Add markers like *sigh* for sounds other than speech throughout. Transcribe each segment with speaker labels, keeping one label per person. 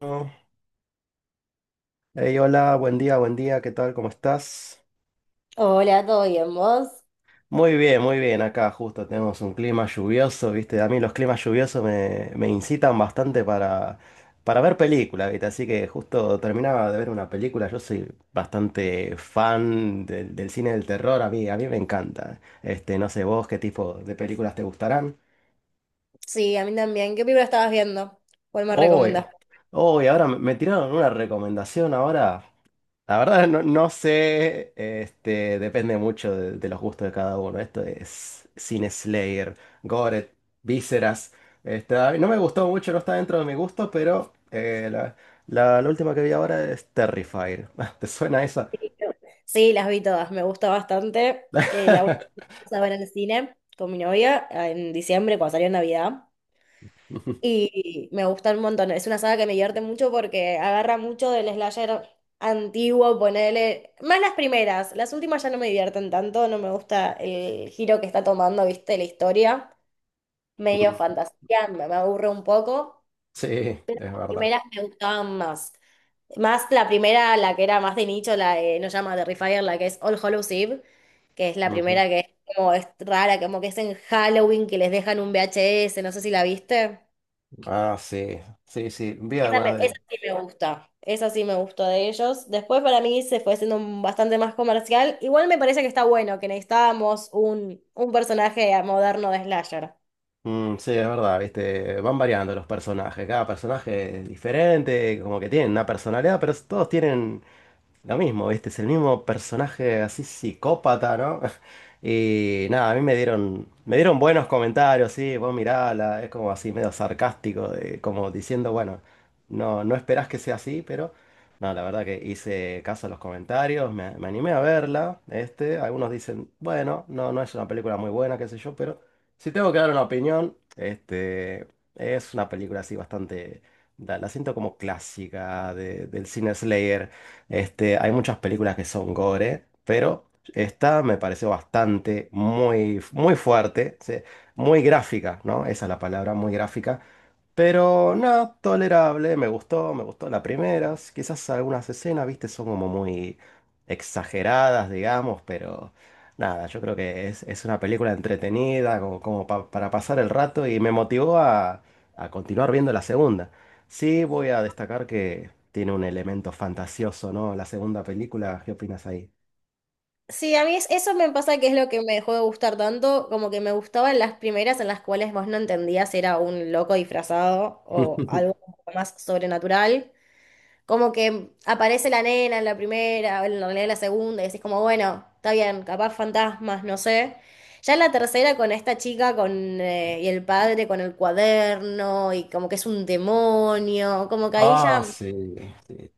Speaker 1: Oh. Hey, hola, buen día, ¿qué tal? ¿Cómo estás?
Speaker 2: Hola, ¿todo bien vos?
Speaker 1: Muy bien, acá justo tenemos un clima lluvioso, ¿viste? A mí los climas lluviosos me incitan bastante para ver películas, ¿viste? Así que justo terminaba de ver una película. Yo soy bastante fan del cine del terror. A mí me encanta. Este, no sé vos qué tipo de películas te gustarán.
Speaker 2: Sí, a mí también. ¿Qué película estabas viendo? ¿Cuál me
Speaker 1: Hoy
Speaker 2: recomendás?
Speaker 1: hoy ahora me tiraron una recomendación ahora. La verdad no, no sé, este, depende mucho de los gustos de cada uno. Esto es Cine Slayer, Goret, Vísceras. Este, a mí no me gustó mucho, no está dentro de mi gusto, pero la última que vi ahora es Terrifier. *laughs* ¿Te suena esa?
Speaker 2: Sí, sí, las vi todas, me gusta bastante. La última
Speaker 1: *laughs*
Speaker 2: a ver en el cine con mi novia en diciembre, cuando salió Navidad. Y me gusta un montón. Es una saga que me divierte mucho porque agarra mucho del slasher antiguo, ponele. Más las primeras, las últimas ya no me divierten tanto, no me gusta el giro que está tomando, viste, la historia. Medio fantasía, me aburre un poco.
Speaker 1: Sí, es
Speaker 2: Las
Speaker 1: verdad.
Speaker 2: primeras me gustaban más. Más la primera, la que era más de nicho, la de No llama Terrifier, la que es All Hallows Eve, que es la
Speaker 1: Ujú.
Speaker 2: primera que es como es rara, como que es en Halloween que les dejan un VHS, no sé si la viste.
Speaker 1: Ah, sí, sí, sí, vi
Speaker 2: Esa,
Speaker 1: algunas
Speaker 2: esa
Speaker 1: de...
Speaker 2: sí me gusta, esa sí me gustó de ellos. Después para mí se fue siendo bastante más comercial. Igual me parece que está bueno, que necesitábamos un personaje moderno de Slasher.
Speaker 1: Mm, sí, es verdad, viste, van variando los personajes, cada personaje es diferente, como que tienen una personalidad, pero todos tienen lo mismo, ¿viste? Es el mismo personaje así psicópata, ¿no? *laughs* Y nada, a mí me dieron buenos comentarios, sí, vos mirala, es como así medio sarcástico, como diciendo, bueno, no, no esperás que sea así, pero no, la verdad que hice caso a los comentarios, me animé a verla, este, algunos dicen, bueno, no, no es una película muy buena, qué sé yo, pero si tengo que dar una opinión, este, es una película así bastante, la siento como clásica del cine Slayer. Este, hay muchas películas que son gore, pero esta me pareció bastante, muy, muy fuerte, sí, muy gráfica, ¿no? Esa es la palabra, muy gráfica. Pero no, tolerable, me gustó las primeras. Quizás algunas escenas, viste, son como muy exageradas, digamos, pero nada, yo creo que es una película entretenida, como para pasar el rato y me motivó a continuar viendo la segunda. Sí, voy a destacar que tiene un elemento fantasioso, ¿no? La segunda película, ¿qué opinas ahí?
Speaker 2: Sí, a mí eso me pasa que es lo que me dejó de gustar tanto, como que me gustaban las primeras en las cuales vos no entendías si era un loco disfrazado o algo
Speaker 1: *laughs*
Speaker 2: un poco más sobrenatural. Como que aparece la nena en la primera, en realidad en la segunda, y decís como, bueno, está bien, capaz fantasmas, no sé. Ya en la tercera con esta chica con, y el padre con el cuaderno, y como que es un demonio, como que ahí
Speaker 1: Ah,
Speaker 2: ya
Speaker 1: sí, sí.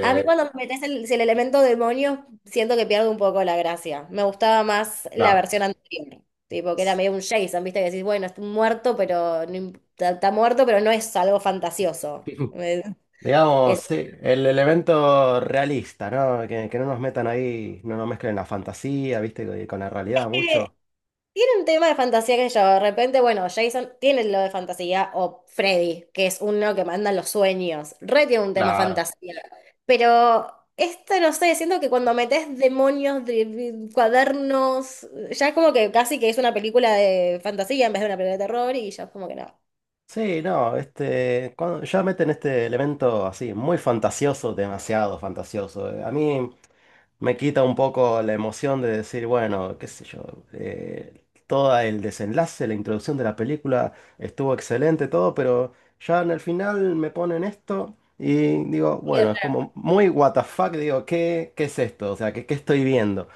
Speaker 2: a mí cuando me metes el, si el elemento demonio, siento que pierdo un poco la gracia. Me gustaba más la
Speaker 1: claro.
Speaker 2: versión anterior, tipo que era medio un Jason, viste que decís, bueno, está muerto, pero no imp- está, está muerto, pero no es algo fantasioso.
Speaker 1: *laughs*
Speaker 2: Es,
Speaker 1: Digamos, sí, el elemento realista, ¿no? Que no nos metan ahí, no nos mezclen la fantasía, ¿viste? Con la realidad mucho.
Speaker 2: tiene un tema de fantasía que yo, de repente, bueno, Jason tiene lo de fantasía, o Freddy, que es uno que manda los sueños, re tiene un tema
Speaker 1: Claro.
Speaker 2: fantasía. Pero esto, no sé, siento que cuando metes demonios de cuadernos, ya es como que casi que es una película de fantasía en vez de una película de terror, y ya es como que no.
Speaker 1: Sí, no, este, cuando ya meten este elemento así, muy fantasioso, demasiado fantasioso. A mí me quita un poco la emoción de decir, bueno, qué sé yo, todo el desenlace, la introducción de la película estuvo excelente, todo, pero ya en el final me ponen esto y digo, bueno, es como muy what the fuck, digo, ¿qué es esto? O sea, ¿qué estoy viendo?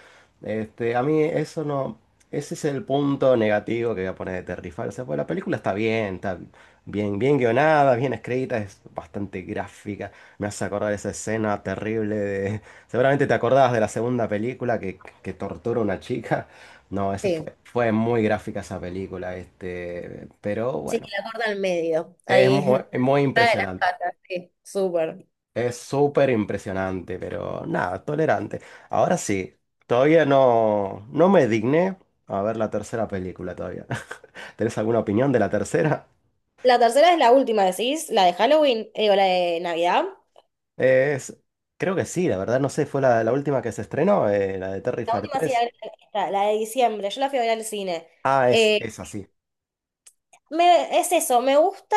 Speaker 1: Este, a mí eso no, ese es el punto negativo que voy a poner de Terrifier. O sea, pues la película está bien, bien guionada, bien escrita, es bastante gráfica. Me hace acordar esa escena terrible de. Seguramente te acordabas de la segunda película que tortura a una chica. No, esa
Speaker 2: Sí,
Speaker 1: fue muy gráfica esa película, este, pero
Speaker 2: sí,
Speaker 1: bueno,
Speaker 2: que la corta al medio,
Speaker 1: es
Speaker 2: ahí,
Speaker 1: muy,
Speaker 2: *laughs*
Speaker 1: muy
Speaker 2: la de las
Speaker 1: impresionante.
Speaker 2: patas, sí, súper.
Speaker 1: Es súper impresionante, pero nada, tolerante. Ahora sí, todavía no, no me digné a ver la tercera película todavía. *laughs* ¿Tenés alguna opinión de la tercera?
Speaker 2: La tercera es la última, decís, la de Halloween, o la de Navidad.
Speaker 1: Es, Creo que sí, la verdad, no sé, fue la última que se estrenó, la de
Speaker 2: La
Speaker 1: Terrifier
Speaker 2: última sí, la,
Speaker 1: tres.
Speaker 2: esta, la de diciembre, yo la fui a ver al cine.
Speaker 1: Ah, es,
Speaker 2: Eh,
Speaker 1: es así.
Speaker 2: es eso, me gusta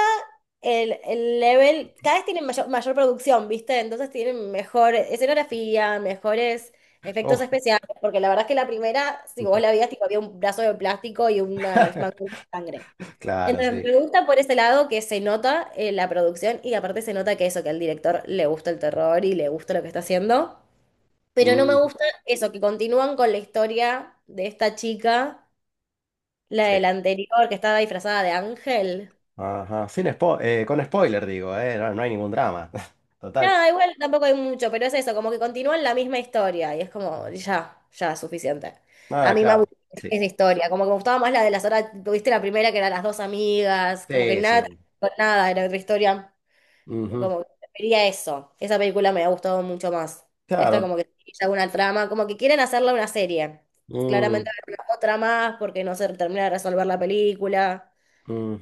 Speaker 2: el level, cada vez tienen mayor, mayor producción, ¿viste? Entonces tienen mejor escenografía, mejores efectos
Speaker 1: Oh.
Speaker 2: especiales, porque la verdad es que la primera, si vos la
Speaker 1: *laughs*
Speaker 2: veías, tipo, había un brazo de plástico y una manga de sangre.
Speaker 1: Claro,
Speaker 2: Entonces
Speaker 1: sí.
Speaker 2: me gusta por ese lado que se nota la producción y aparte se nota que eso, que al director le gusta el terror y le gusta lo que está haciendo. Pero no me
Speaker 1: Mm,
Speaker 2: gusta eso, que continúan con la historia de esta chica, la
Speaker 1: sí.
Speaker 2: del anterior, que estaba disfrazada de ángel.
Speaker 1: Ajá. Sin spo- con spoiler digo, no, no hay ningún drama. *laughs* Total.
Speaker 2: Nada, igual tampoco hay mucho, pero es eso, como que continúan la misma historia y es como, ya, ya, suficiente. A
Speaker 1: Ah,
Speaker 2: mí me
Speaker 1: claro.
Speaker 2: aburre
Speaker 1: Sí.
Speaker 2: esa historia, como que me gustaba más la de las horas, viste la primera que eran las dos amigas, como que
Speaker 1: Sí,
Speaker 2: nada,
Speaker 1: sí.
Speaker 2: con nada, era otra historia.
Speaker 1: Ujú.
Speaker 2: Como que prefería eso. Esa película me ha gustado mucho más. Esta
Speaker 1: Claro.
Speaker 2: como que es una trama, como que quieren hacerla una serie.
Speaker 1: Mm,
Speaker 2: Claramente habrá una otra más porque no se termina de resolver la película.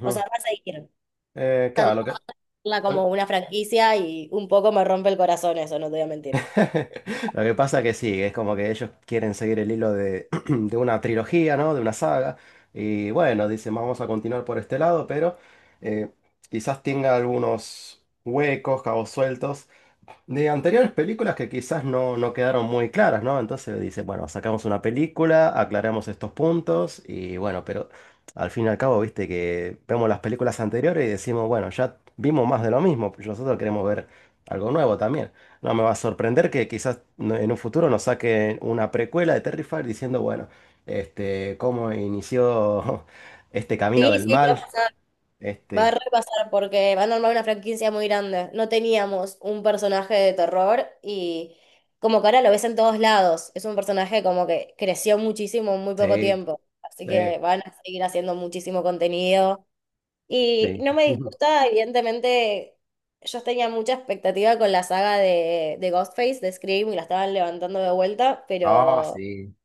Speaker 2: O sea, va a seguir.
Speaker 1: Eh,
Speaker 2: Tanto
Speaker 1: claro, lo que,
Speaker 2: hacerla como
Speaker 1: lo
Speaker 2: una franquicia y un poco me rompe el corazón eso, no te voy a mentir.
Speaker 1: *laughs* lo que pasa que sí, es como que ellos quieren seguir el hilo *clears throat* de una trilogía, ¿no? De una saga. Y bueno, dicen, vamos a continuar por este lado, pero eh, quizás tenga algunos huecos, cabos sueltos de anteriores películas que quizás no, no quedaron muy claras, ¿no? Entonces dice, bueno, sacamos una película, aclaramos estos puntos y bueno, pero al fin y al cabo, viste que vemos las películas anteriores y decimos, bueno, ya vimos más de lo mismo, pues nosotros queremos ver algo nuevo también. No me va a sorprender que quizás en un futuro nos saquen una precuela de Terrifier diciendo, bueno, este, cómo inició *laughs* este camino
Speaker 2: Sí,
Speaker 1: del
Speaker 2: sí, va a
Speaker 1: mal,
Speaker 2: pasar. Va a
Speaker 1: este,
Speaker 2: repasar porque van a armar una franquicia muy grande. No teníamos un personaje de terror y como que ahora lo ves en todos lados. Es un personaje como que creció muchísimo en muy poco
Speaker 1: sí,
Speaker 2: tiempo. Así
Speaker 1: sí,
Speaker 2: que van a seguir haciendo muchísimo contenido. Y
Speaker 1: sí.
Speaker 2: no me
Speaker 1: *laughs*
Speaker 2: disgusta, evidentemente, yo tenía mucha expectativa con la saga de Ghostface, de Scream, y la estaban levantando de vuelta,
Speaker 1: Ah,
Speaker 2: pero
Speaker 1: sí.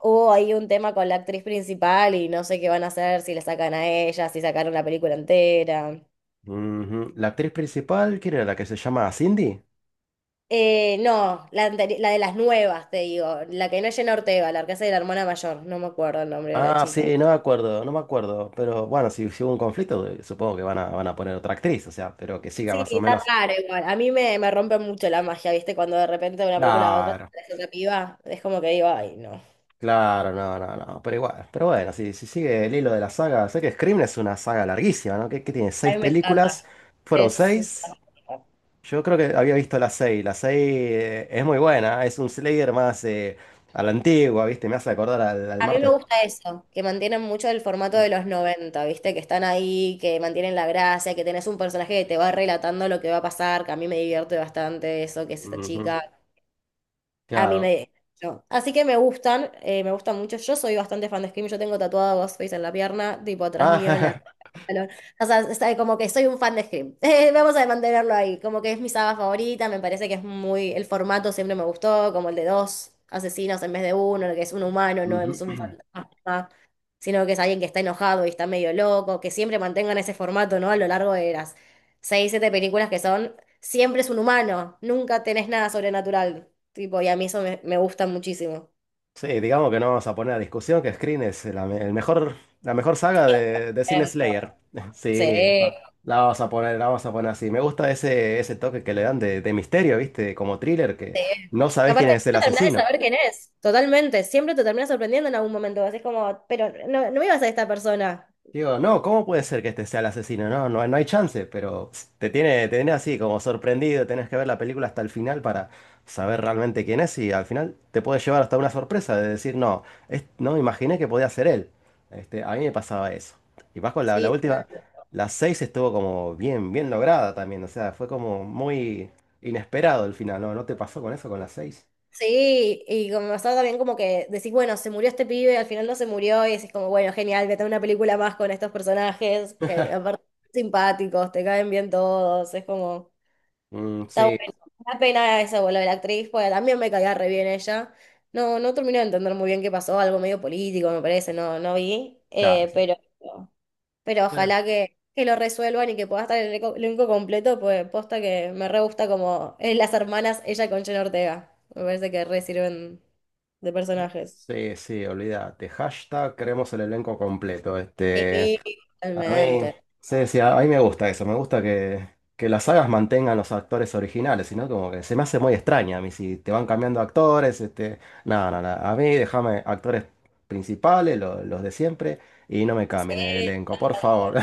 Speaker 2: hubo ahí un tema con la actriz principal y no sé qué van a hacer, si le sacan a ella, si sacaron la película entera.
Speaker 1: Ujú. La actriz principal, ¿quién era la que se llama Cindy?
Speaker 2: No, la, la de las nuevas, te digo. La que no es Jenna Ortega, la que hace de la hermana mayor. No me acuerdo el nombre de la
Speaker 1: Ah,
Speaker 2: chica.
Speaker 1: sí, no me acuerdo, no me acuerdo. Pero bueno, si hubo un conflicto, supongo que van a poner otra actriz, o sea, pero que siga
Speaker 2: Sí,
Speaker 1: más o
Speaker 2: está
Speaker 1: menos.
Speaker 2: raro igual. A mí me, me rompe mucho la magia, ¿viste? Cuando de repente de una película a otra te
Speaker 1: Claro,
Speaker 2: aparece otra piba. Es como que digo, ay, no.
Speaker 1: claro, no, no, no, pero igual. Pero bueno, si sigue el hilo de la saga, sé que Scream es una saga larguísima, ¿no? Que tiene
Speaker 2: A
Speaker 1: seis
Speaker 2: mí me encanta.
Speaker 1: películas, fueron
Speaker 2: Es...
Speaker 1: seis. Yo creo que había visto las seis. La seis es muy buena, es un Slayer más a la antigua, ¿viste? Me hace acordar al
Speaker 2: A mí me
Speaker 1: martes.
Speaker 2: gusta eso, que mantienen mucho el formato de los 90, ¿viste? Que están ahí, que mantienen la gracia, que tenés un personaje que te va relatando lo que va a pasar, que a mí me divierte bastante eso, que es esta
Speaker 1: Ujú.
Speaker 2: chica. A mí
Speaker 1: Claro.
Speaker 2: me... no. Así que me gustan mucho. Yo soy bastante fan de Scream. Yo tengo tatuado a Ghostface en la pierna, tipo atrás mío en la...
Speaker 1: Ah, *laughs*
Speaker 2: O sea, como que soy un fan de Scream. *laughs* Vamos a mantenerlo ahí. Como que es mi saga favorita, me parece que es muy... El formato siempre me gustó, como el de dos asesinos en vez de uno, el que es un humano, no
Speaker 1: ujú.
Speaker 2: es un
Speaker 1: *clears throat*
Speaker 2: fantasma, sino que es alguien que está enojado y está medio loco, que siempre mantengan ese formato, ¿no? A lo largo de las seis, siete películas que son, siempre es un humano, nunca tenés nada sobrenatural. Tipo, y a mí eso me, me gusta muchísimo.
Speaker 1: Sí, digamos que no vamos a poner a discusión que Scream es el mejor, la mejor saga de Sin
Speaker 2: Em,
Speaker 1: Slayer. *laughs*
Speaker 2: Sí,
Speaker 1: Sí, la vamos a poner así. Me gusta ese toque que le dan de misterio, ¿viste? Como thriller, que
Speaker 2: sí.
Speaker 1: no
Speaker 2: Y
Speaker 1: sabes quién
Speaker 2: aparte,
Speaker 1: es el
Speaker 2: nunca terminás de
Speaker 1: asesino.
Speaker 2: saber quién es. Totalmente, siempre te terminas sorprendiendo en algún momento. Así es como, pero no, no ibas a esta persona.
Speaker 1: Digo, no, ¿cómo puede ser que este sea el asesino? No, no, no hay chance, pero pss, te tiene así como sorprendido, tenés que ver la película hasta el final para saber realmente quién es y al final te puede llevar hasta una sorpresa de decir, no, no me imaginé que podía ser él. Este, a mí me pasaba eso. Y Vasco, la
Speaker 2: Sí,
Speaker 1: última,
Speaker 2: totalmente.
Speaker 1: la 6 estuvo como bien, bien lograda también, o sea, fue como muy inesperado el final, ¿no? ¿No te pasó con eso, con la seis?
Speaker 2: Sí, y como está también como que decís, bueno, se murió este pibe, al final no se murió, y decís como, bueno, genial, vete a una película más con estos personajes, que
Speaker 1: *laughs*
Speaker 2: aparte son simpáticos, te caen bien todos, es como...
Speaker 1: Mm,
Speaker 2: Está
Speaker 1: sí,
Speaker 2: bueno. Una pena ese vuelo de la actriz, porque también me caía re bien ella. No, no terminé de entender muy bien qué pasó, algo medio político, me parece, no, no vi.
Speaker 1: claro.
Speaker 2: Pero ojalá que lo resuelvan y que pueda estar el elenco completo, pues posta que me re gusta como las hermanas, ella con Jenna Ortega. Me parece que re sirven de personajes.
Speaker 1: Sí, sí, olvídate. #QueremosElElencoCompleto. Este,
Speaker 2: Sí,
Speaker 1: a mí,
Speaker 2: totalmente.
Speaker 1: sí, sí, a mí me gusta eso. Me gusta que las sagas mantengan los actores originales, sino como que se me hace muy extraña a mí si te van cambiando actores. Este, no, no, no. A mí déjame actores principales, los de siempre, y no me cambien el
Speaker 2: Sí,
Speaker 1: elenco, por favor.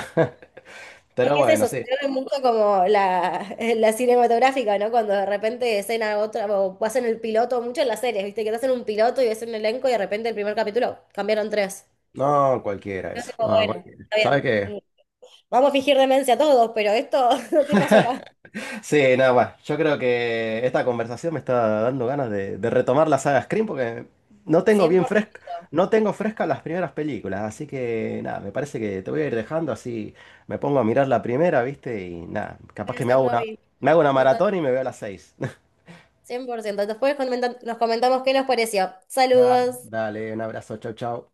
Speaker 1: *laughs*
Speaker 2: es
Speaker 1: Pero
Speaker 2: que es
Speaker 1: bueno,
Speaker 2: eso, se
Speaker 1: sí.
Speaker 2: ve mucho como la, la cinematográfica, ¿no? Cuando de repente escena otra, o hacen el piloto, mucho en las series, ¿viste? Que te hacen un piloto y ves un elenco y de repente el primer capítulo cambiaron tres.
Speaker 1: No, cualquiera
Speaker 2: Yo
Speaker 1: eso.
Speaker 2: digo,
Speaker 1: No,
Speaker 2: bueno,
Speaker 1: cualquiera.
Speaker 2: está
Speaker 1: ¿Sabes
Speaker 2: bien.
Speaker 1: qué?
Speaker 2: Mm, vamos a fingir demencia todos, pero esto, *laughs* ¿qué pasó acá?
Speaker 1: Sí, nada, bueno, yo creo que esta conversación me está dando ganas de retomar la saga Scream porque no tengo
Speaker 2: cien
Speaker 1: bien
Speaker 2: por
Speaker 1: fresca,
Speaker 2: ciento
Speaker 1: no tengo fresca las primeras películas, así que nada, me parece que te voy a ir dejando así, me pongo a mirar la primera, ¿viste? Y nada, capaz
Speaker 2: Voy a
Speaker 1: que me hago
Speaker 2: hacerlo
Speaker 1: una,
Speaker 2: hoy.
Speaker 1: me hago una
Speaker 2: Total,
Speaker 1: maratón y me veo a las seis. *laughs*
Speaker 2: 100 por ciento. Después nos comentamos qué nos pareció.
Speaker 1: Nada,
Speaker 2: Saludos.
Speaker 1: dale, un abrazo, chau, chau.